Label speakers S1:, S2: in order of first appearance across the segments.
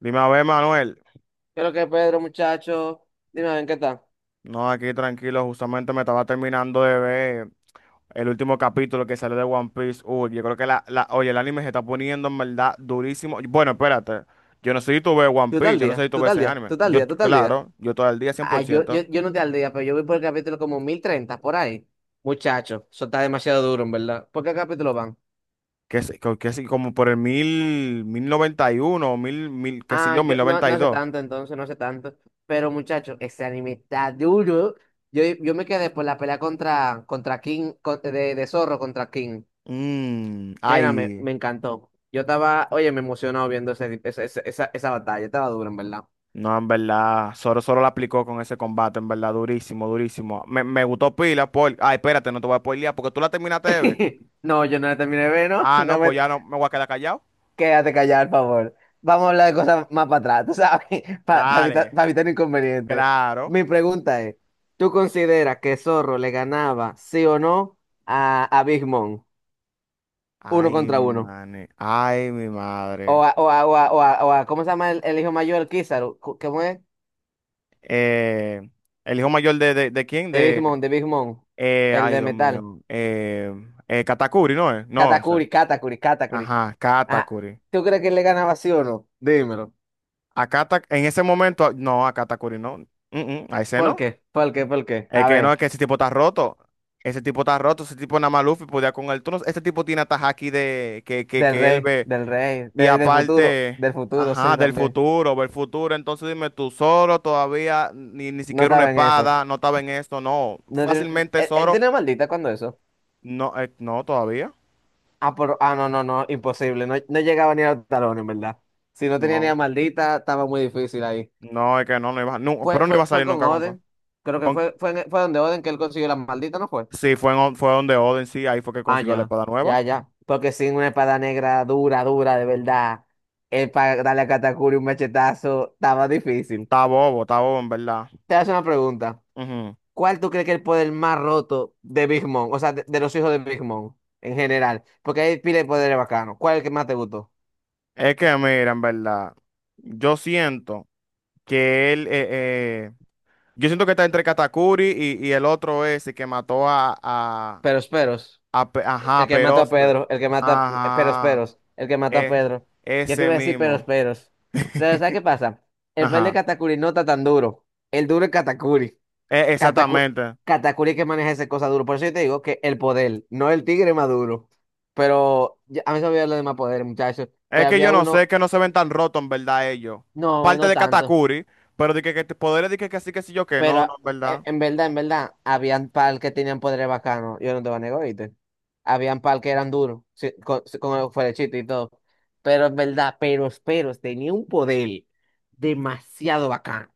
S1: Dime a ver, Manuel.
S2: Qué es lo que Pedro, muchacho, dime a ver qué tal.
S1: No, aquí tranquilo, justamente me estaba terminando de ver el último capítulo que salió de One Piece. Uy, yo creo que oye, el anime se está poniendo en verdad durísimo. Bueno, espérate. Yo no sé si tú ves One
S2: Tú
S1: Piece,
S2: tal
S1: yo no sé si
S2: día,
S1: tú
S2: tú
S1: ves
S2: tal
S1: ese
S2: día,
S1: anime.
S2: tú tal
S1: Yo,
S2: día, tú tal día.
S1: claro, yo todo el día
S2: Ah, yo, yo,
S1: 100%.
S2: yo no estoy al día, pero yo voy por el capítulo como 1030 por ahí. Muchacho, eso está demasiado duro, en verdad. ¿Por qué capítulo van?
S1: Que sé, que sé, como por el 1091, qué sé
S2: Ah,
S1: yo,
S2: yo
S1: mil
S2: no,
S1: noventa y
S2: no sé
S1: dos?
S2: tanto entonces, no sé tanto. Pero muchacho, ese anime está duro. Yo me quedé por la pelea contra King, de Zorro contra King.
S1: Mm,
S2: Mira, me,
S1: ay.
S2: me encantó. Yo estaba, oye, me emocionado viendo esa batalla, estaba duro, en verdad.
S1: No, en verdad, Zoro la aplicó con ese combate, en verdad, durísimo, durísimo. Me gustó pila, por— Ay, espérate, no te voy a spoilear, porque tú la terminaste de ver.
S2: No, yo no la terminé de ver, ¿no?
S1: Ah,
S2: No
S1: no,
S2: me...
S1: pues ya no, me voy a quedar callado.
S2: Quédate callado, por favor. Vamos a hablar de cosas más para atrás, tú sabes, para evitar,
S1: Dale,
S2: para evitar inconvenientes.
S1: claro.
S2: Mi pregunta es, ¿tú consideras que Zorro le ganaba, sí o no, a Big Mom, uno
S1: Ay,
S2: contra
S1: mi
S2: uno?
S1: madre, ay, mi
S2: O
S1: madre.
S2: a, o a, o a, o a- o a- ¿cómo se llama el hijo mayor, Kizaru? ¿Cómo es?
S1: Eh, ¿el hijo mayor de quién?
S2: De Big
S1: De,
S2: Mom, de Big Mom, el
S1: ay,
S2: de
S1: Dios
S2: metal.
S1: mío. Katakuri, ¿no es? No, o sea,
S2: Katakuri, Katakuri, Katakuri.
S1: ajá,
S2: Ajá.
S1: Katakuri.
S2: ¿Tú crees que le ganaba sí o no? Dímelo.
S1: En ese momento, no, a Katakuri no. Mm, a ese
S2: ¿Por
S1: no.
S2: qué? ¿Por qué? ¿Por qué?
S1: Es
S2: A
S1: que no, es
S2: ver.
S1: que ese tipo está roto. Ese tipo está roto, ese tipo nada más Luffy podía con él. Tú este tipo tiene hasta aquí de
S2: Del
S1: que él
S2: rey,
S1: ve.
S2: del rey,
S1: Y
S2: del futuro,
S1: aparte,
S2: del futuro, sí,
S1: ajá, del
S2: también.
S1: futuro, del futuro. Entonces dime tú, Zoro todavía ni, ni
S2: No
S1: siquiera una
S2: estaba en eso.
S1: espada, no estaba en esto, no.
S2: No tiene-
S1: Fácilmente
S2: él
S1: Zoro,
S2: tenía maldita cuando eso.
S1: no, no, todavía.
S2: Ah, pero, no, no, no, imposible. No, no llegaba ni a los talones, en verdad. Si no tenía ni a
S1: No,
S2: maldita, estaba muy difícil ahí.
S1: no, es que no, no iba, no,
S2: Fue,
S1: pero no iba
S2: fue,
S1: a
S2: fue
S1: salir
S2: con
S1: nunca con,
S2: Oden. Creo que
S1: con-
S2: fue donde Oden que él consiguió la maldita, ¿no fue?
S1: sí, fue donde Oden, sí, ahí fue que
S2: Ah,
S1: consiguió la
S2: ya,
S1: espada nueva.
S2: ya, ya. Porque sin una espada negra dura, dura, de verdad, él para darle a Katakuri un machetazo, estaba difícil.
S1: Está bobo en verdad.
S2: Te hago una pregunta.
S1: Ujú.
S2: ¿Cuál tú crees que es el poder más roto de Big Mom? O sea, de los hijos de Big Mom en general. Porque hay pila de poderes bacanos. ¿Cuál es el que más te gustó?
S1: Es que, mira, en verdad, yo siento que él, eh, eh, yo siento que está entre Katakuri y el otro ese que mató a, a,
S2: Peros Peros.
S1: a Pe- ajá,
S2: El
S1: a
S2: que mata a
S1: Perósper.
S2: Pedro. El que mata a Peros
S1: Ajá,
S2: Peros. El que mata a
S1: es
S2: Pedro. Yo te
S1: ese
S2: iba a decir Peros
S1: mismo.
S2: Peros. Pero ¿sabes qué pasa? El poder de
S1: Ajá,
S2: Katakuri no está tan duro. El duro es Katakuri. Kataku-
S1: exactamente.
S2: Katakuri que maneja esa cosa duro. Por eso yo te digo que el poder, no el tigre más duro. Pero a mí se me olvidó lo demás poder, muchachos.
S1: Es
S2: Pero
S1: que
S2: había
S1: yo no sé,
S2: uno.
S1: es que no se ven tan rotos, en verdad, ellos.
S2: No,
S1: Aparte
S2: no
S1: de
S2: tanto.
S1: Katakuri, pero de que, poderes de que sí, yo que no,
S2: Pero
S1: no, en verdad.
S2: en verdad, habían pal que tenían poderes bacanos. Yo no te voy a negar, ¿oíste? Habían pal que eran duros, sí, con el fuerechito y todo. Pero en verdad, pero Peros tenía un poder demasiado bacano.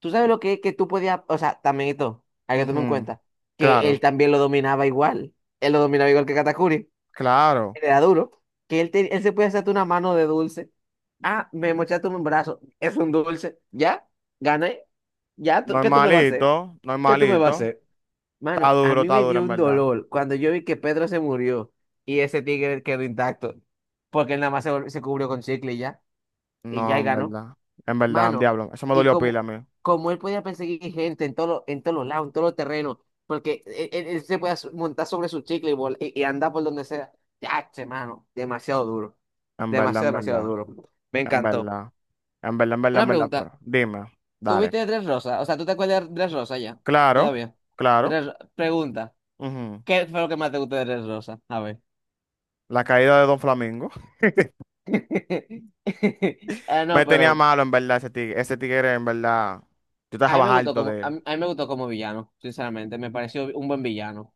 S2: ¿Tú sabes lo que es que tú podías, o sea, también esto, hay que tomar en
S1: Ujú.
S2: cuenta, que él
S1: Claro,
S2: también lo dominaba igual. Él lo dominaba igual que Katakuri
S1: claro.
S2: era duro, que él, él se puede hacerte una mano de dulce. Ah, me mochaste un brazo, es un dulce. Ya, gané. Ya, ¿qué tú me vas a hacer?
S1: Normalito,
S2: ¿Qué tú me vas a
S1: normalito.
S2: hacer? Mano, a mí
S1: Está
S2: me
S1: duro,
S2: dio
S1: en
S2: un
S1: verdad.
S2: dolor cuando yo vi que Pedro se murió y ese tigre quedó intacto, porque él nada más se cubrió con chicle y ya,
S1: No,
S2: y
S1: en
S2: ganó.
S1: verdad. En verdad,
S2: Mano,
S1: diablo. Eso me
S2: y
S1: dolió pila
S2: como,
S1: a mí.
S2: como él podía perseguir gente en todos los lados, en todos los terrenos, porque él se podía montar sobre su chicle y andar por donde sea. Ya, che, mano, demasiado duro.
S1: En verdad, en
S2: Demasiado, demasiado
S1: verdad.
S2: duro. Me
S1: En
S2: encantó.
S1: verdad. En verdad, en verdad,
S2: Una
S1: en verdad.
S2: pregunta.
S1: Pero dime. Dale.
S2: ¿Tuviste Tres Rosas? O sea, ¿tú te acuerdas de Tres Rosas ya?
S1: Claro.
S2: Todavía.
S1: Claro.
S2: Pregunta.
S1: Ujú.
S2: ¿Qué fue lo que más te gustó de Tres Rosas? A ver.
S1: La caída de Don Flamingo.
S2: Ah, no,
S1: Me tenía
S2: pero
S1: malo, en verdad, ese tigre. Ese tigre, en verdad. Yo
S2: a mí me
S1: estaba
S2: gustó
S1: harto
S2: como,
S1: de él.
S2: a mí me gustó como villano, sinceramente. Me pareció un buen villano.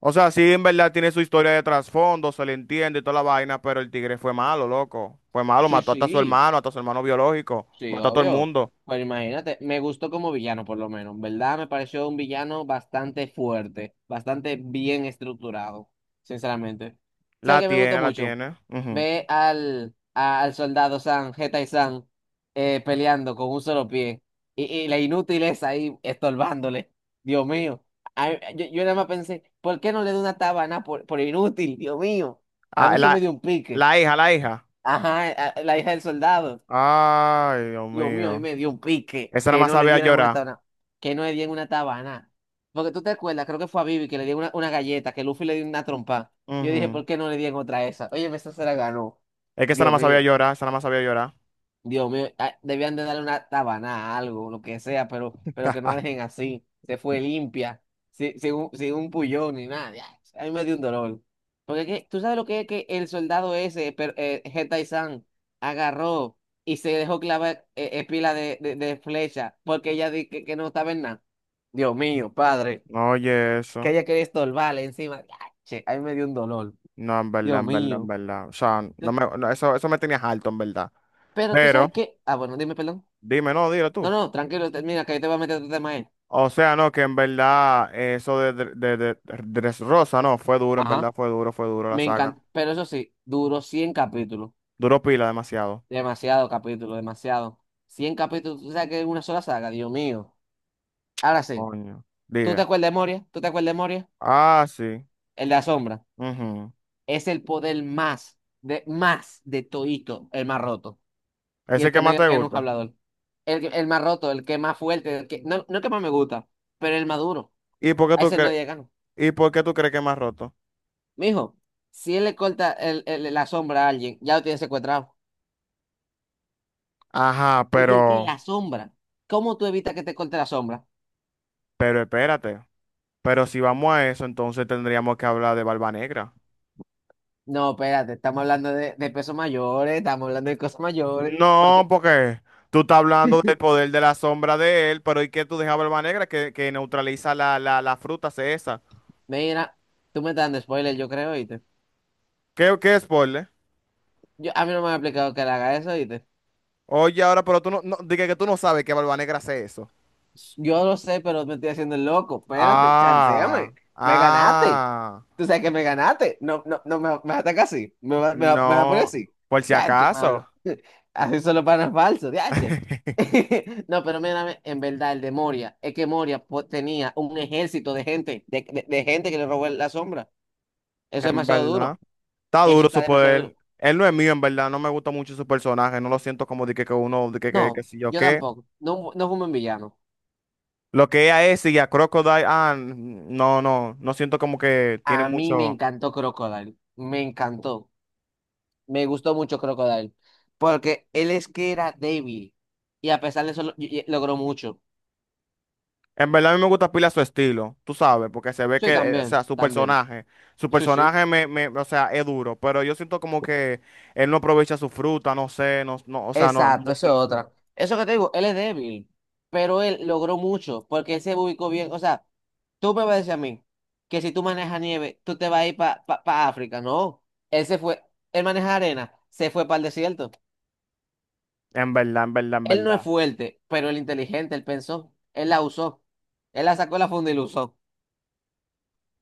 S1: O sea, sí, en verdad tiene su historia de trasfondo, se le entiende y toda la vaina, pero el tigre fue malo, loco. Fue malo,
S2: Sí,
S1: mató hasta a su
S2: sí.
S1: hermano, hasta a su hermano biológico.
S2: Sí,
S1: Mató a todo el
S2: obvio.
S1: mundo.
S2: Pero imagínate, me gustó como villano por lo menos, ¿verdad? Me pareció un villano bastante fuerte, bastante bien estructurado, sinceramente. ¿Sabes
S1: La
S2: que me gustó
S1: tiene, la
S2: mucho?
S1: tiene. Ujú.
S2: Ve al soldado San, Geta y San, peleando con un solo pie. Y la inútil es ahí estorbándole. Dios mío. Ay, yo nada más pensé, ¿por qué no le doy una tabana por inútil? Dios mío. A mí
S1: Ah,
S2: eso me dio un pique.
S1: la hija.
S2: Ajá, la hija del soldado.
S1: Ay, Dios
S2: Dios mío, y
S1: mío.
S2: me dio un pique
S1: Esa nada
S2: que
S1: más
S2: no le
S1: sabía
S2: dieran una
S1: llorar.
S2: tabana, que no le dieran una tabana. Porque tú te acuerdas, creo que fue a Vivi que le dieron una galleta, que Luffy le dio una trompa. Yo dije,
S1: Ujú.
S2: ¿por qué no le dieron otra esa? Oye, esa se la ganó.
S1: Es que esa nada
S2: Dios
S1: más sabía
S2: mío.
S1: llorar, esa nada más sabía llorar.
S2: Dios mío, debían de darle una tabana, algo, lo que sea, pero, que no dejen así. Se fue limpia, sin un pullón ni nada. Ya, a mí me dio un dolor. Tú sabes lo que es que el soldado ese, pero, Hetaisan, agarró y se dejó clavar pila de flecha porque ella dijo que no estaba en nada. Dios mío, padre,
S1: Oye,
S2: que
S1: eso.
S2: ella quería estorbarle encima. Ya, che, a mí me dio un dolor.
S1: No, en verdad,
S2: Dios
S1: en verdad, en
S2: mío.
S1: verdad. O sea, no me, no, eso me tenía alto, en verdad.
S2: Pero tú
S1: Pero,
S2: sabes que. Ah, bueno, dime, perdón.
S1: dime, no, dilo
S2: No,
S1: tú.
S2: no, tranquilo, termina, que yo te voy a meter otro tema ahí.
S1: O sea, no, que en verdad eso de Dressrosa, no, fue duro, en
S2: Ajá.
S1: verdad, fue duro la
S2: Me
S1: saga.
S2: encanta, pero eso sí, duró 100 capítulos.
S1: Duró pila demasiado.
S2: Demasiado capítulo, demasiado. 100 capítulos, tú sabes que es una sola saga, Dios mío. Ahora sí,
S1: Coño.
S2: ¿tú
S1: Dile.
S2: te acuerdas de Moria? ¿Tú te acuerdas de Moria?
S1: Ah, sí.
S2: El de la sombra.
S1: Ujú.
S2: Es el poder más de Toito, el más roto. Y el
S1: Ese que
S2: que
S1: más
S2: medio
S1: te
S2: que no es un
S1: gusta.
S2: hablador. El más roto, el que más fuerte, el que, no, no el que más me gusta, pero el más duro.
S1: ¿Y por qué
S2: A
S1: tú
S2: ese
S1: crees,
S2: nadie le gana.
S1: y por qué tú crees que es más roto?
S2: Mijo, si él le corta el, la sombra a alguien, ya lo tiene secuestrado.
S1: Ajá,
S2: Oye, el que
S1: pero—
S2: la sombra. ¿Cómo tú evitas que te corte la sombra?
S1: Pero espérate, pero si vamos a eso, entonces tendríamos que hablar de Barba Negra.
S2: No, espérate, estamos hablando de pesos mayores, estamos hablando de cosas mayores.
S1: No,
S2: Porque,
S1: porque tú estás hablando del poder de la sombra de él, pero ¿y qué tú dejas a Barba Negra que neutraliza la fruta, hace esa?
S2: mira, tú me estás dando spoiler, yo creo, ¿oíste?
S1: ¿Qué spoiler?
S2: Yo, a mí no me han explicado que le haga eso, ¿oíste?
S1: Oye, ahora, pero tú no, no dije que tú no sabes que Barba Negra hace eso.
S2: Yo lo sé, pero me estoy haciendo el loco. Espérate,
S1: Ah,
S2: chanceame. Me ganaste.
S1: ah,
S2: Tú sabes que me ganaste. No, no, no me vas a atacar así. Me vas a poner
S1: no,
S2: así.
S1: por si
S2: Yache,
S1: acaso,
S2: mano. Así solo panas falsos, yache. No, pero mírame, en verdad, el de Moria, es que Moria tenía un ejército de gente, de gente que le robó la sombra. Eso es
S1: en
S2: demasiado
S1: verdad.
S2: duro.
S1: Está
S2: Eso
S1: duro
S2: está
S1: su
S2: demasiado duro.
S1: poder. Él no es mío, en verdad. No me gusta mucho su personaje. No lo siento como de que, uno, de que,
S2: No,
S1: si yo
S2: yo
S1: qué.
S2: tampoco. No, no fumo en villano.
S1: Lo que es a ese y a Crocodile, ah, no, no, no siento como que tiene
S2: A mí me
S1: mucho.
S2: encantó Crocodile. Me encantó. Me gustó mucho Crocodile. Porque él es que era débil. Y a pesar de eso, logró mucho.
S1: En verdad a mí me gusta pila su estilo, tú sabes, porque se ve
S2: Sí,
S1: que, o
S2: también,
S1: sea, su
S2: también.
S1: personaje,
S2: Sí, sí.
S1: o sea, es duro, pero yo siento como que él no aprovecha su fruta, no sé, no, no, o sea, no, no
S2: Exacto,
S1: lo
S2: eso es
S1: siento.
S2: otra. Eso que te digo, él es débil, pero él logró mucho porque él se ubicó bien. O sea, tú me vas a decir a mí que si tú manejas nieve, tú te vas a ir para África. No, él se fue, él maneja arena, se fue para el desierto.
S1: En verdad, en verdad, en
S2: Él no es
S1: verdad.
S2: fuerte, pero él inteligente, él pensó, él la usó, él la sacó de la funda y la usó.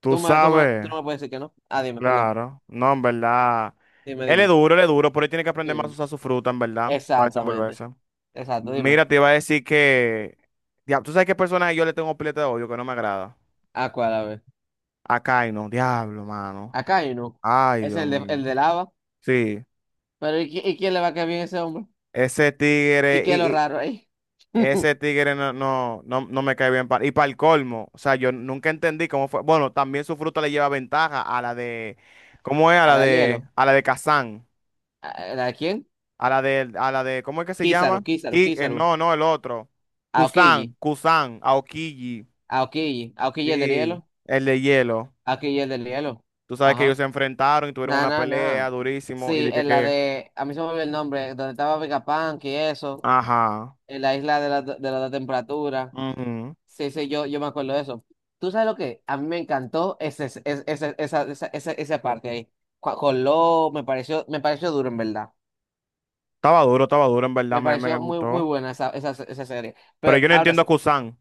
S1: Tú
S2: Tú
S1: sabes,
S2: no me puedes decir que no. Ah, dime, perdón.
S1: claro, no, en verdad.
S2: Dime, dime.
S1: Él es duro, pero él tiene que aprender más a
S2: Sí.
S1: usar su fruta, en verdad, para
S2: Exactamente.
S1: desenvolverse.
S2: Exacto, dime.
S1: Mira, te iba a decir que— Diablo, ¿tú sabes qué personaje yo le tengo pileta de odio que no me agrada?
S2: ¿A cuál, a ver?
S1: A Kaino, diablo, mano.
S2: Acá hay uno.
S1: Ay,
S2: Es
S1: Dios
S2: el de,
S1: mío.
S2: el de lava.
S1: Sí,
S2: Pero ¿y quién le va a caer bien a ese hombre?
S1: ese
S2: ¿Y
S1: tigre,
S2: qué es lo raro ahí?
S1: ese tigre no, no, no, no me cae bien. Y para el colmo, o sea, yo nunca entendí cómo fue. Bueno, también su fruta le lleva ventaja a la de. ¿Cómo es? A
S2: A
S1: la
S2: la
S1: de.
S2: Lielo.
S1: A la de Kazan.
S2: ¿A la quién?
S1: A la de. A la de. ¿Cómo es que se
S2: Kizaru,
S1: llama?
S2: Kizaru, Kizaru.
S1: No, no, el otro.
S2: Aokiji,
S1: Kusan, Kusan, Aokiji.
S2: Aokiji. Aokiji el del hielo.
S1: Sí, el de hielo.
S2: Aokiji el del hielo.
S1: Tú sabes que ellos
S2: Ajá.
S1: se enfrentaron y tuvieron
S2: Nah,
S1: una
S2: nah, nah.
S1: pelea durísimo y
S2: Sí,
S1: dije
S2: en la
S1: que,
S2: de. A mí se me olvidó el nombre. Donde estaba Vegapunk y eso.
S1: ajá,
S2: En la isla de la temperatura.
S1: ujú.
S2: Sí, sí, yo me acuerdo de eso. ¿Tú sabes lo que? A mí me encantó esa parte ahí. Con lo me pareció duro, en verdad.
S1: Estaba duro, en verdad
S2: Me
S1: me
S2: pareció muy, muy
S1: gustó.
S2: buena esa serie.
S1: Pero
S2: Pero
S1: yo no
S2: ahora
S1: entiendo a
S2: sí,
S1: Kusan,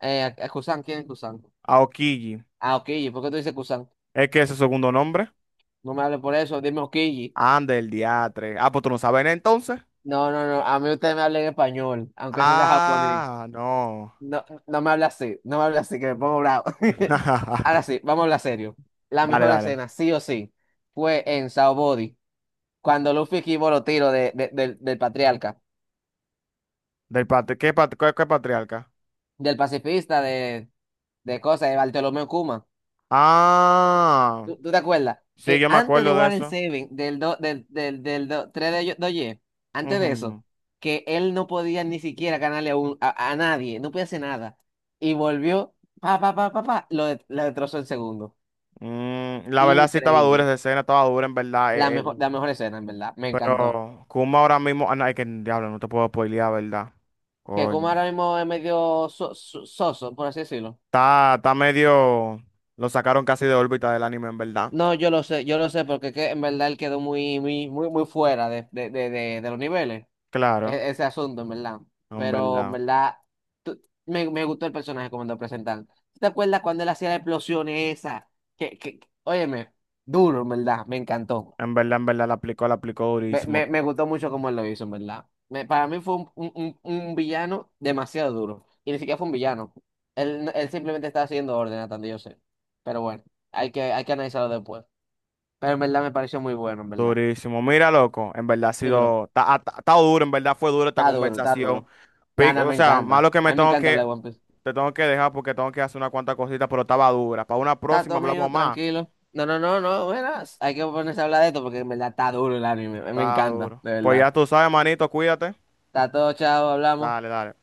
S2: eh, Kusan, ¿quién es Kusan?
S1: a Okiji.
S2: Ah, Okiji, ¿por qué tú dices Kusan?
S1: ¿Es que ese segundo nombre?
S2: No me hables por eso, dime Okiji.
S1: Ande el diatre. Ah, pues tú no sabes entonces.
S2: No, no, no, a mí usted me habla en español, aunque eso sea japonés.
S1: Ah, no.
S2: No, no me habla así, no me habla así, que me pongo bravo. Ahora sí, vamos a hablar serio. La
S1: Dale,
S2: mejor
S1: dale.
S2: escena, sí o sí, fue en Sao Body. Cuando Luffy esquivó los tiros del patriarca,
S1: Del patri ¿Qué qué patriarca?
S2: del pacifista, de Bartolomé Kuma.
S1: Ah,
S2: ¿Tú te acuerdas?
S1: sí,
S2: Que
S1: yo me
S2: antes de
S1: acuerdo de
S2: Water
S1: eso.
S2: seven del, do, del, del, del do- 3 de Doye, antes de eso,
S1: Ujú.
S2: que él no podía ni siquiera ganarle a nadie, no podía hacer nada. Y volvió, pa, pa, pa, pa, pa, lo destrozó en segundo.
S1: Mm, la verdad sí estaba dura
S2: Increíble.
S1: esa escena, estaba dura en verdad.
S2: La mejor, la mejor escena, en verdad. Me encantó.
S1: Pero Kuma ahora mismo, ah, no, es que diablo, no te puedo spoilear, ¿verdad?
S2: Que
S1: Coño.
S2: Kuma ahora mismo es medio soso, por así decirlo.
S1: Está medio. Lo sacaron casi de órbita del anime, en verdad.
S2: No, yo lo sé, porque que, en verdad él quedó muy, muy, muy, muy fuera de los niveles,
S1: Claro,
S2: ese asunto, en verdad.
S1: en
S2: Pero, en
S1: verdad.
S2: verdad, tú- me gustó el personaje como lo presentan. ¿Te acuerdas cuando él hacía las explosiones esa? Óyeme, duro, en verdad, me encantó.
S1: En verdad, en verdad, la aplicó
S2: Me,
S1: durísimo,
S2: me, me gustó mucho cómo él lo hizo, en verdad. Para mí fue un villano demasiado duro. Y ni siquiera fue un villano. Él simplemente estaba haciendo orden, hasta donde yo sé. Pero bueno, hay que analizarlo después. Pero en verdad me pareció muy bueno, en verdad.
S1: durísimo. Mira, loco, en verdad ha
S2: Dímelo.
S1: sido, ha estado duro, en verdad fue dura esta
S2: Está duro, está
S1: conversación.
S2: duro. Nada,
S1: O
S2: me
S1: sea,
S2: encanta.
S1: malo que
S2: A
S1: me
S2: mí me
S1: tengo
S2: encanta
S1: que,
S2: hablar de One Piece.
S1: te tengo que dejar porque tengo que hacer una cuantas cositas, pero estaba dura. Para una
S2: Está
S1: próxima
S2: todo
S1: hablamos
S2: mío,
S1: más.
S2: tranquilo. No, no, no, no, verás. Hay que ponerse a hablar de esto porque en verdad está duro el anime. Me
S1: Está
S2: encanta,
S1: duro.
S2: de
S1: Pues
S2: verdad.
S1: ya tú sabes, manito, cuídate.
S2: Está todo, chao,
S1: Dale,
S2: hablamos.
S1: dale.